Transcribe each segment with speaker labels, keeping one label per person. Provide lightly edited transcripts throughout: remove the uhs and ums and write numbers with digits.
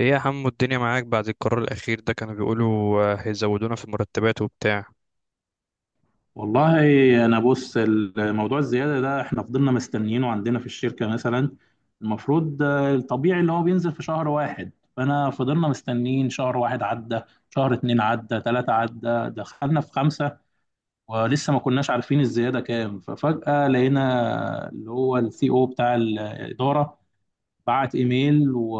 Speaker 1: ايه يا حمو، الدنيا معاك بعد القرار الأخير ده؟ كانوا بيقولوا هيزودونا في المرتبات وبتاع
Speaker 2: والله. انا بص، الموضوع الزياده ده احنا فضلنا مستنيينه عندنا في الشركه. مثلا المفروض الطبيعي اللي هو بينزل في شهر واحد. فانا فضلنا مستنيين شهر واحد عدى، شهر اتنين عدى، تلاته عدى، دخلنا في خمسه ولسه ما كناش عارفين الزياده كام. ففجاه لقينا اللي هو السي او بتاع الاداره بعت ايميل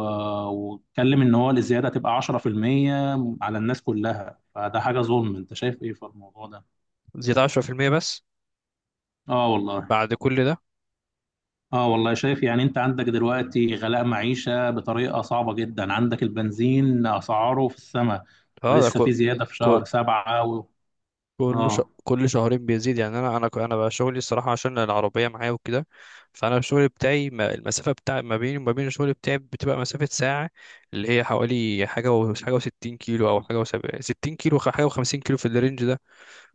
Speaker 2: واتكلم ان هو الزياده هتبقى 10% على الناس كلها. فده حاجه ظلم، انت شايف ايه في الموضوع ده؟
Speaker 1: زيادة 10% بس
Speaker 2: اه والله.
Speaker 1: بعد كل ده.
Speaker 2: اه والله، شايف. يعني انت عندك دلوقتي غلاء معيشة بطريقة صعبة جدا، عندك البنزين اسعاره في السماء
Speaker 1: اه، ده
Speaker 2: ولسه
Speaker 1: كو
Speaker 2: في زيادة في
Speaker 1: كو
Speaker 2: شهر سبعة
Speaker 1: كل ش...
Speaker 2: اه.
Speaker 1: كل شهرين بيزيد يعني انا بقى شغلي الصراحه، عشان العربيه معايا وكده. فانا الشغل بتاعي، المسافه بتاع ما بيني وما بين الشغل بتاعي بتبقى مسافه ساعه. اللي هي حوالي حاجه و60 كيلو، او حاجه و70، 60 كيلو، حاجه و50 كيلو، في الرينج ده.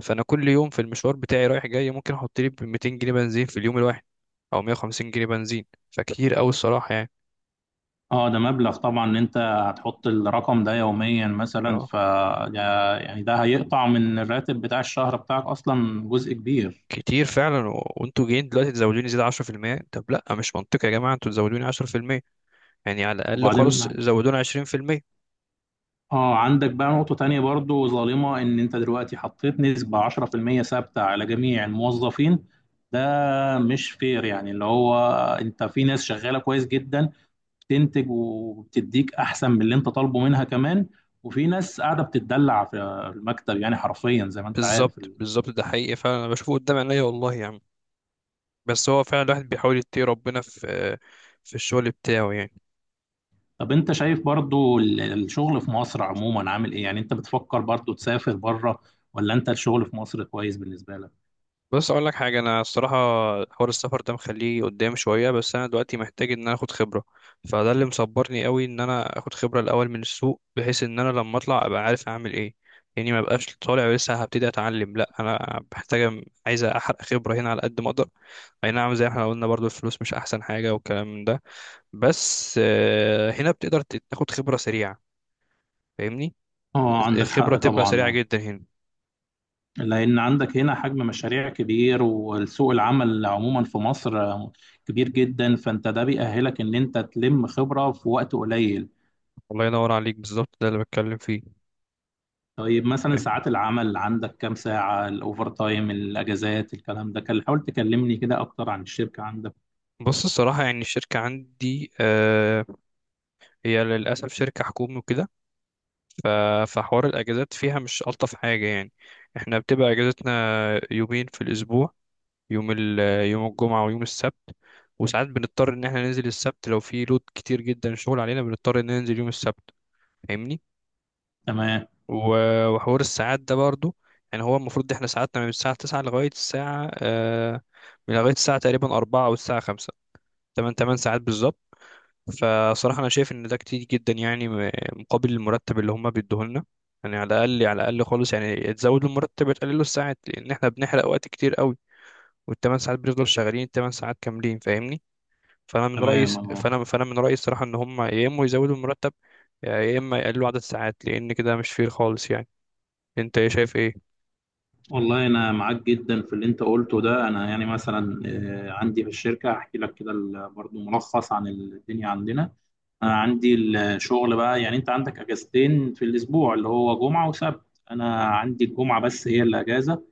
Speaker 1: فانا كل يوم في المشوار بتاعي رايح جاي، ممكن احط لي 200 جنيه بنزين في اليوم الواحد او 150 جنيه بنزين. فكتير قوي الصراحه يعني.
Speaker 2: اه، ده مبلغ طبعا ان انت هتحط الرقم ده يوميا. مثلا
Speaker 1: اه،
Speaker 2: ف يعني ده هيقطع من الراتب بتاع الشهر بتاعك اصلا جزء كبير.
Speaker 1: كتير فعلا، وانتوا جايين دلوقتي تزودوني زياده 10%؟ طب لا، مش منطقي يا جماعه انتوا تزودوني 10%. يعني على الاقل
Speaker 2: وبعدين
Speaker 1: خالص زودونا 20%.
Speaker 2: اه، عندك بقى نقطة تانية برضو ظالمة، ان انت دلوقتي حطيت نسبة 10% ثابتة على جميع الموظفين. ده مش فير، يعني اللي هو انت في ناس شغالة كويس جدا، بتنتج وبتديك احسن من اللي انت طالبه منها كمان. وفي ناس قاعدة بتتدلع في المكتب، يعني حرفيا زي ما انت عارف.
Speaker 1: بالظبط، بالظبط، ده حقيقي فعلا، انا بشوفه قدام عينيا والله يعني. بس هو فعلا الواحد بيحاول يتقي ربنا في الشغل بتاعه يعني.
Speaker 2: طب انت شايف برضو الشغل في مصر عموما عامل ايه؟ يعني انت بتفكر برضو تسافر بره، ولا انت الشغل في مصر كويس بالنسبة لك؟
Speaker 1: بص اقول لك حاجه، انا الصراحه حوار السفر ده مخليه قدام شويه، بس انا دلوقتي محتاج ان انا اخد خبره. فده اللي مصبرني قوي ان انا اخد خبره الاول من السوق، بحيث ان انا لما اطلع ابقى عارف اعمل ايه. يعني ما بقاش طالع لسه هبتدي اتعلم. لا، انا محتاجه، عايز احرق خبره هنا على قد ما اقدر. اي نعم، زي ما احنا قلنا برضو الفلوس مش احسن حاجه والكلام ده. بس هنا بتقدر تاخد خبره سريعه، فاهمني؟
Speaker 2: اه، عندك
Speaker 1: خبره
Speaker 2: حق
Speaker 1: تبقى سريعه
Speaker 2: طبعا.
Speaker 1: جدا هنا.
Speaker 2: لأن عندك هنا حجم مشاريع كبير، والسوق العمل عموما في مصر كبير جدا، فأنت ده بيأهلك إن أنت تلم خبرة في وقت قليل.
Speaker 1: الله ينور عليك، بالظبط ده اللي بتكلم فيه،
Speaker 2: طيب مثلا
Speaker 1: فاهم؟
Speaker 2: ساعات العمل عندك كام ساعة؟ الأوفر تايم، الأجازات، الكلام ده، كان حاول تكلمني كده أكتر عن الشركة عندك.
Speaker 1: بص الصراحة يعني الشركة عندي، هي للأسف شركة حكومي وكده. ف- فحوار الأجازات فيها مش ألطف حاجة يعني. احنا بتبقى أجازتنا يومين في الأسبوع، يوم ال يوم الجمعة ويوم السبت. وساعات بنضطر إن احنا ننزل السبت لو في لود كتير جدا شغل علينا، بنضطر إن ننزل يوم السبت، فاهمني.
Speaker 2: تمام.
Speaker 1: وحوار الساعات ده برضو، يعني هو المفروض احنا ساعاتنا من الساعة 9 لغاية الساعة من لغاية الساعة تقريبا 4 أو الساعة 5. تمن ساعات بالظبط. فصراحة أنا شايف إن ده كتير جدا، يعني مقابل المرتب اللي هما بيدوه لنا. يعني على الأقل، على الأقل خالص، يعني تزود له المرتب، تقلله الساعات، لأن إحنا بنحرق وقت كتير قوي، والتمن ساعات بنفضل شغالين التمن ساعات كاملين، فاهمني. فأنا من رأيي
Speaker 2: تمام. اه
Speaker 1: فأنا من رأيي الصراحة إن هما يا إما يزودوا المرتب يا إما يقللوا عدد الساعات، لأن كده مش فير خالص يعني. أنت إيه شايف إيه؟
Speaker 2: والله، أنا معاك جدا في اللي أنت قلته ده. أنا يعني مثلا عندي في الشركة أحكي لك كده برضو ملخص عن الدنيا عندنا. انا عندي الشغل بقى يعني، انت عندك اجازتين في الاسبوع اللي هو جمعه وسبت، انا عندي الجمعه بس هي اللي اجازه.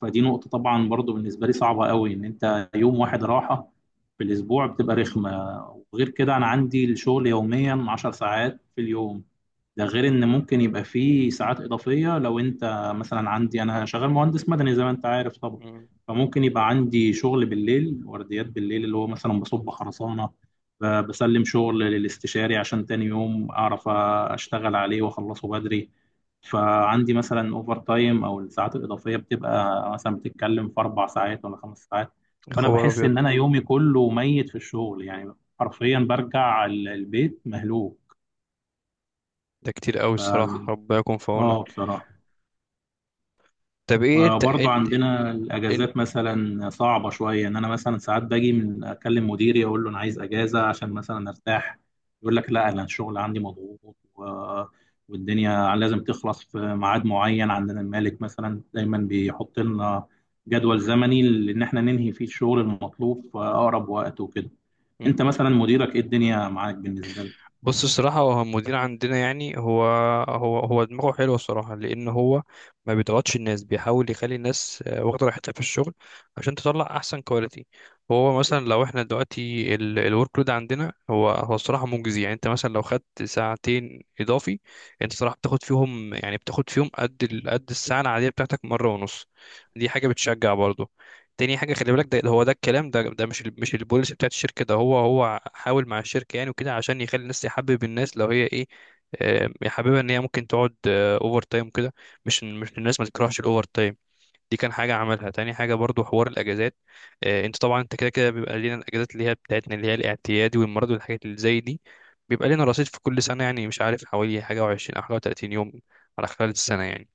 Speaker 2: فدي نقطه طبعا برضو بالنسبه لي صعبه قوي، ان انت يوم واحد راحه في الاسبوع بتبقى رخمه. وغير كده انا عندي الشغل يوميا 10 ساعات في اليوم. ده غير ان ممكن يبقى فيه ساعات اضافيه، لو انت مثلا، عندي انا شغال مهندس مدني زي ما انت عارف طبعا،
Speaker 1: مم.
Speaker 2: فممكن يبقى عندي شغل بالليل، ورديات بالليل، اللي هو مثلا بصب خرسانه، بسلم شغل للاستشاري عشان تاني يوم اعرف اشتغل عليه واخلصه بدري. فعندي مثلا اوفر تايم او الساعات الاضافيه بتبقى مثلا، بتتكلم في اربع ساعات ولا خمس ساعات.
Speaker 1: يا
Speaker 2: فانا
Speaker 1: خبر
Speaker 2: بحس
Speaker 1: أبيض،
Speaker 2: ان انا يومي كله ميت في الشغل، يعني حرفيا برجع البيت مهلوك.
Speaker 1: ده كتير قوي الصراحة،
Speaker 2: فال-
Speaker 1: ربنا يكون في
Speaker 2: اه
Speaker 1: عونك.
Speaker 2: بصراحة،
Speaker 1: طب إيه أنت
Speaker 2: برضو
Speaker 1: أنت
Speaker 2: عندنا
Speaker 1: إن-
Speaker 2: الأجازات مثلا صعبة شوية. إن أنا مثلا ساعات باجي من أكلم مديري أقول له أنا عايز أجازة عشان مثلا أرتاح، يقول لك لا أنا الشغل عندي مضغوط والدنيا لازم تخلص في ميعاد معين. عندنا المالك مثلا دايما بيحط لنا جدول زمني إن إحنا ننهي فيه الشغل المطلوب في أقرب وقت وكده. أنت مثلا مديرك إيه الدنيا معاك بالنسبة لك؟
Speaker 1: بص الصراحة، هو المدير عندنا يعني، هو هو دماغه حلوة الصراحة، لأن هو ما بيضغطش الناس، بيحاول يخلي الناس واخدة راحتها في الشغل عشان تطلع أحسن كواليتي. هو مثلا لو احنا دلوقتي الورك لود عندنا، هو الصراحة مجزي يعني. انت مثلا لو خدت ساعتين إضافي، انت صراحة بتاخد فيهم يعني، بتاخد فيهم قد قد الساعة العادية بتاعتك مرة ونص. دي حاجة بتشجع برضه. تاني حاجة، خلي بالك، ده هو ده الكلام ده مش البوليسي بتاعت الشركة، ده هو حاول مع الشركة يعني وكده، عشان يخلي الناس يحبب الناس لو هي ايه يحببها ان هي ممكن تقعد اوفر تايم كده. مش إن الناس ما تكرهش الاوفر تايم، دي كان حاجة عملها. تاني حاجة، برضو حوار الأجازات. انت طبعا انت كده كده بيبقى لينا الأجازات اللي هي بتاعتنا، اللي هي الاعتيادي والمرض والحاجات اللي زي دي، بيبقى لنا رصيد في كل سنة يعني، مش عارف حوالي حاجة وعشرين أو حاجة وتلاتين يوم على خلال السنة يعني.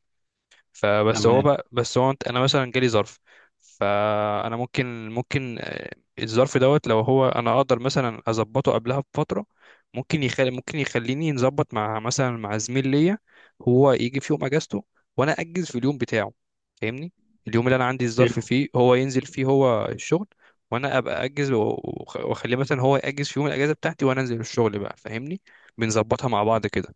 Speaker 1: فبس هو
Speaker 2: تمام.
Speaker 1: بقى بس هو انا مثلا جالي ظرف. فانا ممكن الظرف دوت لو هو، انا اقدر مثلا اظبطه قبلها بفتره، ممكن يخليني نظبط مع مثلا مع زميل ليا. هو يجي في يوم اجازته وانا اجز في اليوم بتاعه، فاهمني؟ اليوم اللي انا عندي الظرف
Speaker 2: حلو.
Speaker 1: فيه هو ينزل فيه هو الشغل، وانا ابقى اجز، واخليه مثلا هو ياجز في يوم الاجازه بتاعتي وانا انزل الشغل بقى، فاهمني؟ بنظبطها مع بعض كده.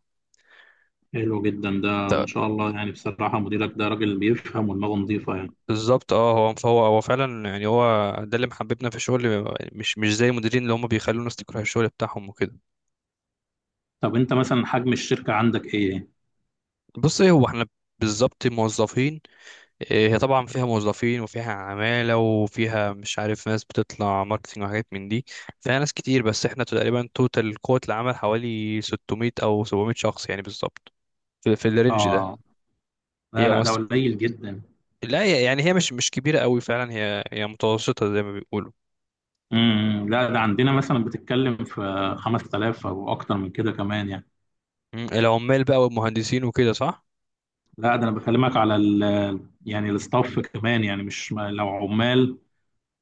Speaker 2: حلو جدا، ده ما شاء الله، يعني بصراحة مديرك ده راجل بيفهم ودماغه نظيفة يعني.
Speaker 1: بالظبط. اه، هو هو فعلا يعني، هو ده اللي محببنا في الشغل، مش زي المديرين اللي هم بيخلوا الناس تكره الشغل بتاعهم وكده.
Speaker 2: طب انت مثلا حجم الشركة عندك ايه؟
Speaker 1: بص ايه، هو احنا بالظبط موظفين، إيه، هي طبعا فيها موظفين وفيها عمالة وفيها مش عارف ناس بتطلع ماركتينج وحاجات من دي، فيها ناس كتير. بس احنا تقريبا توتال قوة العمل حوالي 600 او 700 شخص يعني بالظبط، في الرينج ده.
Speaker 2: اه، لا
Speaker 1: هي
Speaker 2: لا، ده
Speaker 1: مصر.
Speaker 2: قليل جدا.
Speaker 1: لا، يعني هي مش كبيرة قوي فعلا، هي متوسطة زي ما بيقولوا.
Speaker 2: امم، لا ده عندنا مثلا بتتكلم في 5000 او اكتر من كده كمان يعني.
Speaker 1: مم، العمال بقى والمهندسين وكده، صح.
Speaker 2: لا ده انا بكلمك على ال، يعني الاستاف كمان، يعني مش ما- لو عمال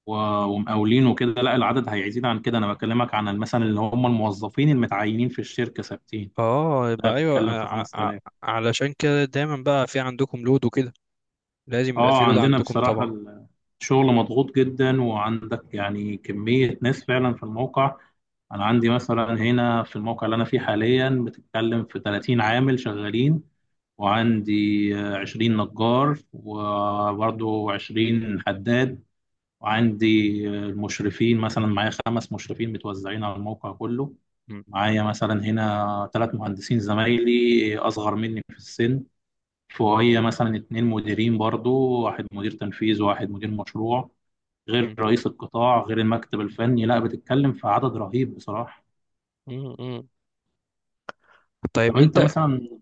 Speaker 2: و- ومقاولين وكده لا، العدد هيزيد عن كده. انا بكلمك عن مثلا اللي هم الموظفين المتعينين في الشركة ثابتين،
Speaker 1: اه،
Speaker 2: لا
Speaker 1: يبقى ايوه.
Speaker 2: بيتكلم في
Speaker 1: ع- ع-
Speaker 2: 5000.
Speaker 1: علشان كده دايما بقى في عندكم لود وكده، لازم يبقى
Speaker 2: اه،
Speaker 1: في لود
Speaker 2: عندنا
Speaker 1: عندكم
Speaker 2: بصراحة
Speaker 1: طبعا.
Speaker 2: الشغل مضغوط جدا، وعندك يعني كمية ناس فعلا في الموقع. انا عندي
Speaker 1: م-
Speaker 2: مثلا هنا في الموقع اللي انا فيه حاليا بتتكلم في 30 عامل شغالين، وعندي 20 نجار وبرضه 20 حداد، وعندي المشرفين مثلا معايا خمس مشرفين متوزعين على الموقع كله.
Speaker 1: م-
Speaker 2: معايا مثلا هنا ثلاث مهندسين زمايلي اصغر مني في السن، فوقيا مثلا اتنين مديرين برضه، واحد مدير تنفيذ وواحد مدير مشروع، غير رئيس القطاع، غير المكتب الفني. لا بتتكلم في عدد رهيب بصراحة.
Speaker 1: م- م. طيب
Speaker 2: طب انت
Speaker 1: انت،
Speaker 2: مثلا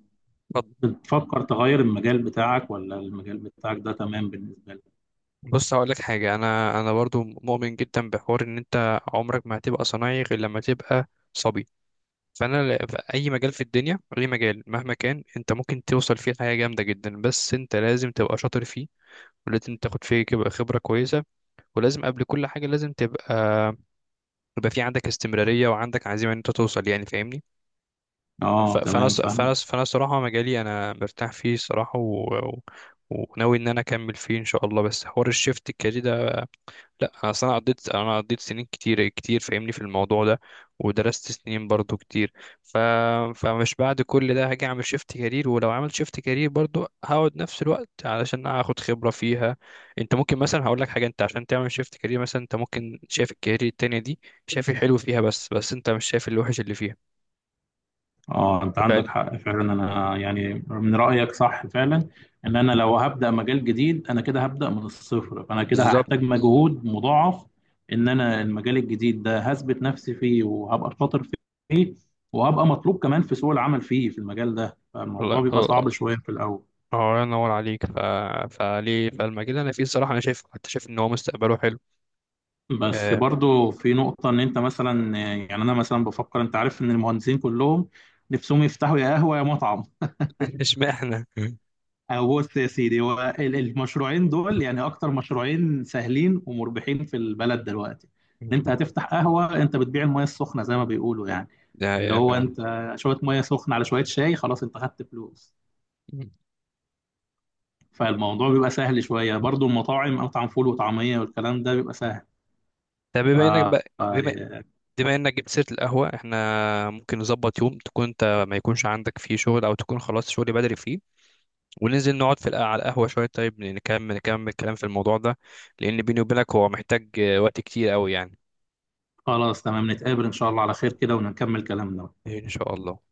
Speaker 1: اتفضل.
Speaker 2: بتفكر تغير المجال بتاعك ولا المجال بتاعك ده تمام بالنسبة لك؟
Speaker 1: بص هقول لك حاجه، انا برضو مؤمن جدا بحوار ان انت عمرك ما هتبقى صنايعي غير لما تبقى صبي. فانا في اي مجال في الدنيا، اي مجال مهما كان، انت ممكن توصل فيه لحاجه جامده جدا، بس انت لازم تبقى شاطر فيه، ولازم تاخد فيه خبره كويسه، ولازم قبل كل حاجه لازم تبقى، يبقى في عندك استمرارية وعندك عزيمة ان انت توصل يعني، فاهمني؟
Speaker 2: اه
Speaker 1: ف- فانا
Speaker 2: تمام،
Speaker 1: الص-
Speaker 2: فاهمك.
Speaker 1: فانا الص- فانا الصراحة مجالي انا مرتاح فيه الصراحة، وناوي ان انا اكمل فيه ان شاء الله. بس حوار الشيفت الكارير ده، لا، اصل انا قضيت سنين كتير كتير، فاهمني في الموضوع ده، ودرست سنين برضو كتير. ف... فمش بعد كل ده هاجي اعمل شيفت كارير. ولو عملت شيفت كارير برضو هقعد نفس الوقت علشان اخد خبرة فيها. انت ممكن مثلا هقول لك حاجة، انت عشان تعمل شيفت كارير مثلا، انت ممكن شايف الكارير التانية دي، شايف الحلو فيها، بس انت مش شايف الوحش اللي فيها.
Speaker 2: اه انت
Speaker 1: ف-
Speaker 2: عندك حق فعلا. انا يعني من رأيك صح فعلا، ان انا لو هبدأ مجال جديد انا كده هبدأ من الصفر، فانا كده
Speaker 1: بالظبط،
Speaker 2: هحتاج مجهود مضاعف. ان انا المجال الجديد ده هثبت نفسي فيه، وهبقى شاطر فيه، وهبقى مطلوب كمان في سوق العمل فيه في المجال ده،
Speaker 1: الله
Speaker 2: فالموضوع بيبقى
Speaker 1: الله،
Speaker 2: صعب شوية في الأول.
Speaker 1: الله ينور عليك. فليه، فالمجال اللي انا فيه الصراحة انا شايف، حتى شايف ان هو مستقبله حلو،
Speaker 2: بس
Speaker 1: آه،
Speaker 2: برضو في نقطة، إن أنت مثلا، يعني أنا مثلا بفكر، أنت عارف إن المهندسين كلهم نفسهم يفتحوا يا قهوة يا مطعم.
Speaker 1: اشمعنى،
Speaker 2: أو بص يا سيدي، هو المشروعين دول يعني أكتر مشروعين سهلين ومربحين في البلد دلوقتي. إن أنت هتفتح قهوة، أنت بتبيع المياه السخنة زي ما بيقولوا يعني.
Speaker 1: ده
Speaker 2: اللي
Speaker 1: هي
Speaker 2: هو
Speaker 1: فعلا.
Speaker 2: أنت شوية مياه سخنة على شوية شاي، خلاص أنت خدت فلوس.
Speaker 1: مم.
Speaker 2: فالموضوع بيبقى سهل شوية. برضو المطاعم، مطعم فول وطعمية والكلام ده بيبقى سهل.
Speaker 1: طب بما انك بقى بما
Speaker 2: ف
Speaker 1: بما انك جبت سيره القهوه، احنا ممكن نظبط يوم تكون انت ما يكونش عندك فيه شغل، او تكون خلاص شغلي بدري فيه، وننزل نقعد في على القهوه شويه. طيب نكمل الكلام في الموضوع ده، لان بيني وبينك هو محتاج وقت كتير قوي يعني.
Speaker 2: خلاص تمام، نتقابل إن شاء الله على خير كده ونكمل كلامنا.
Speaker 1: ان شاء الله.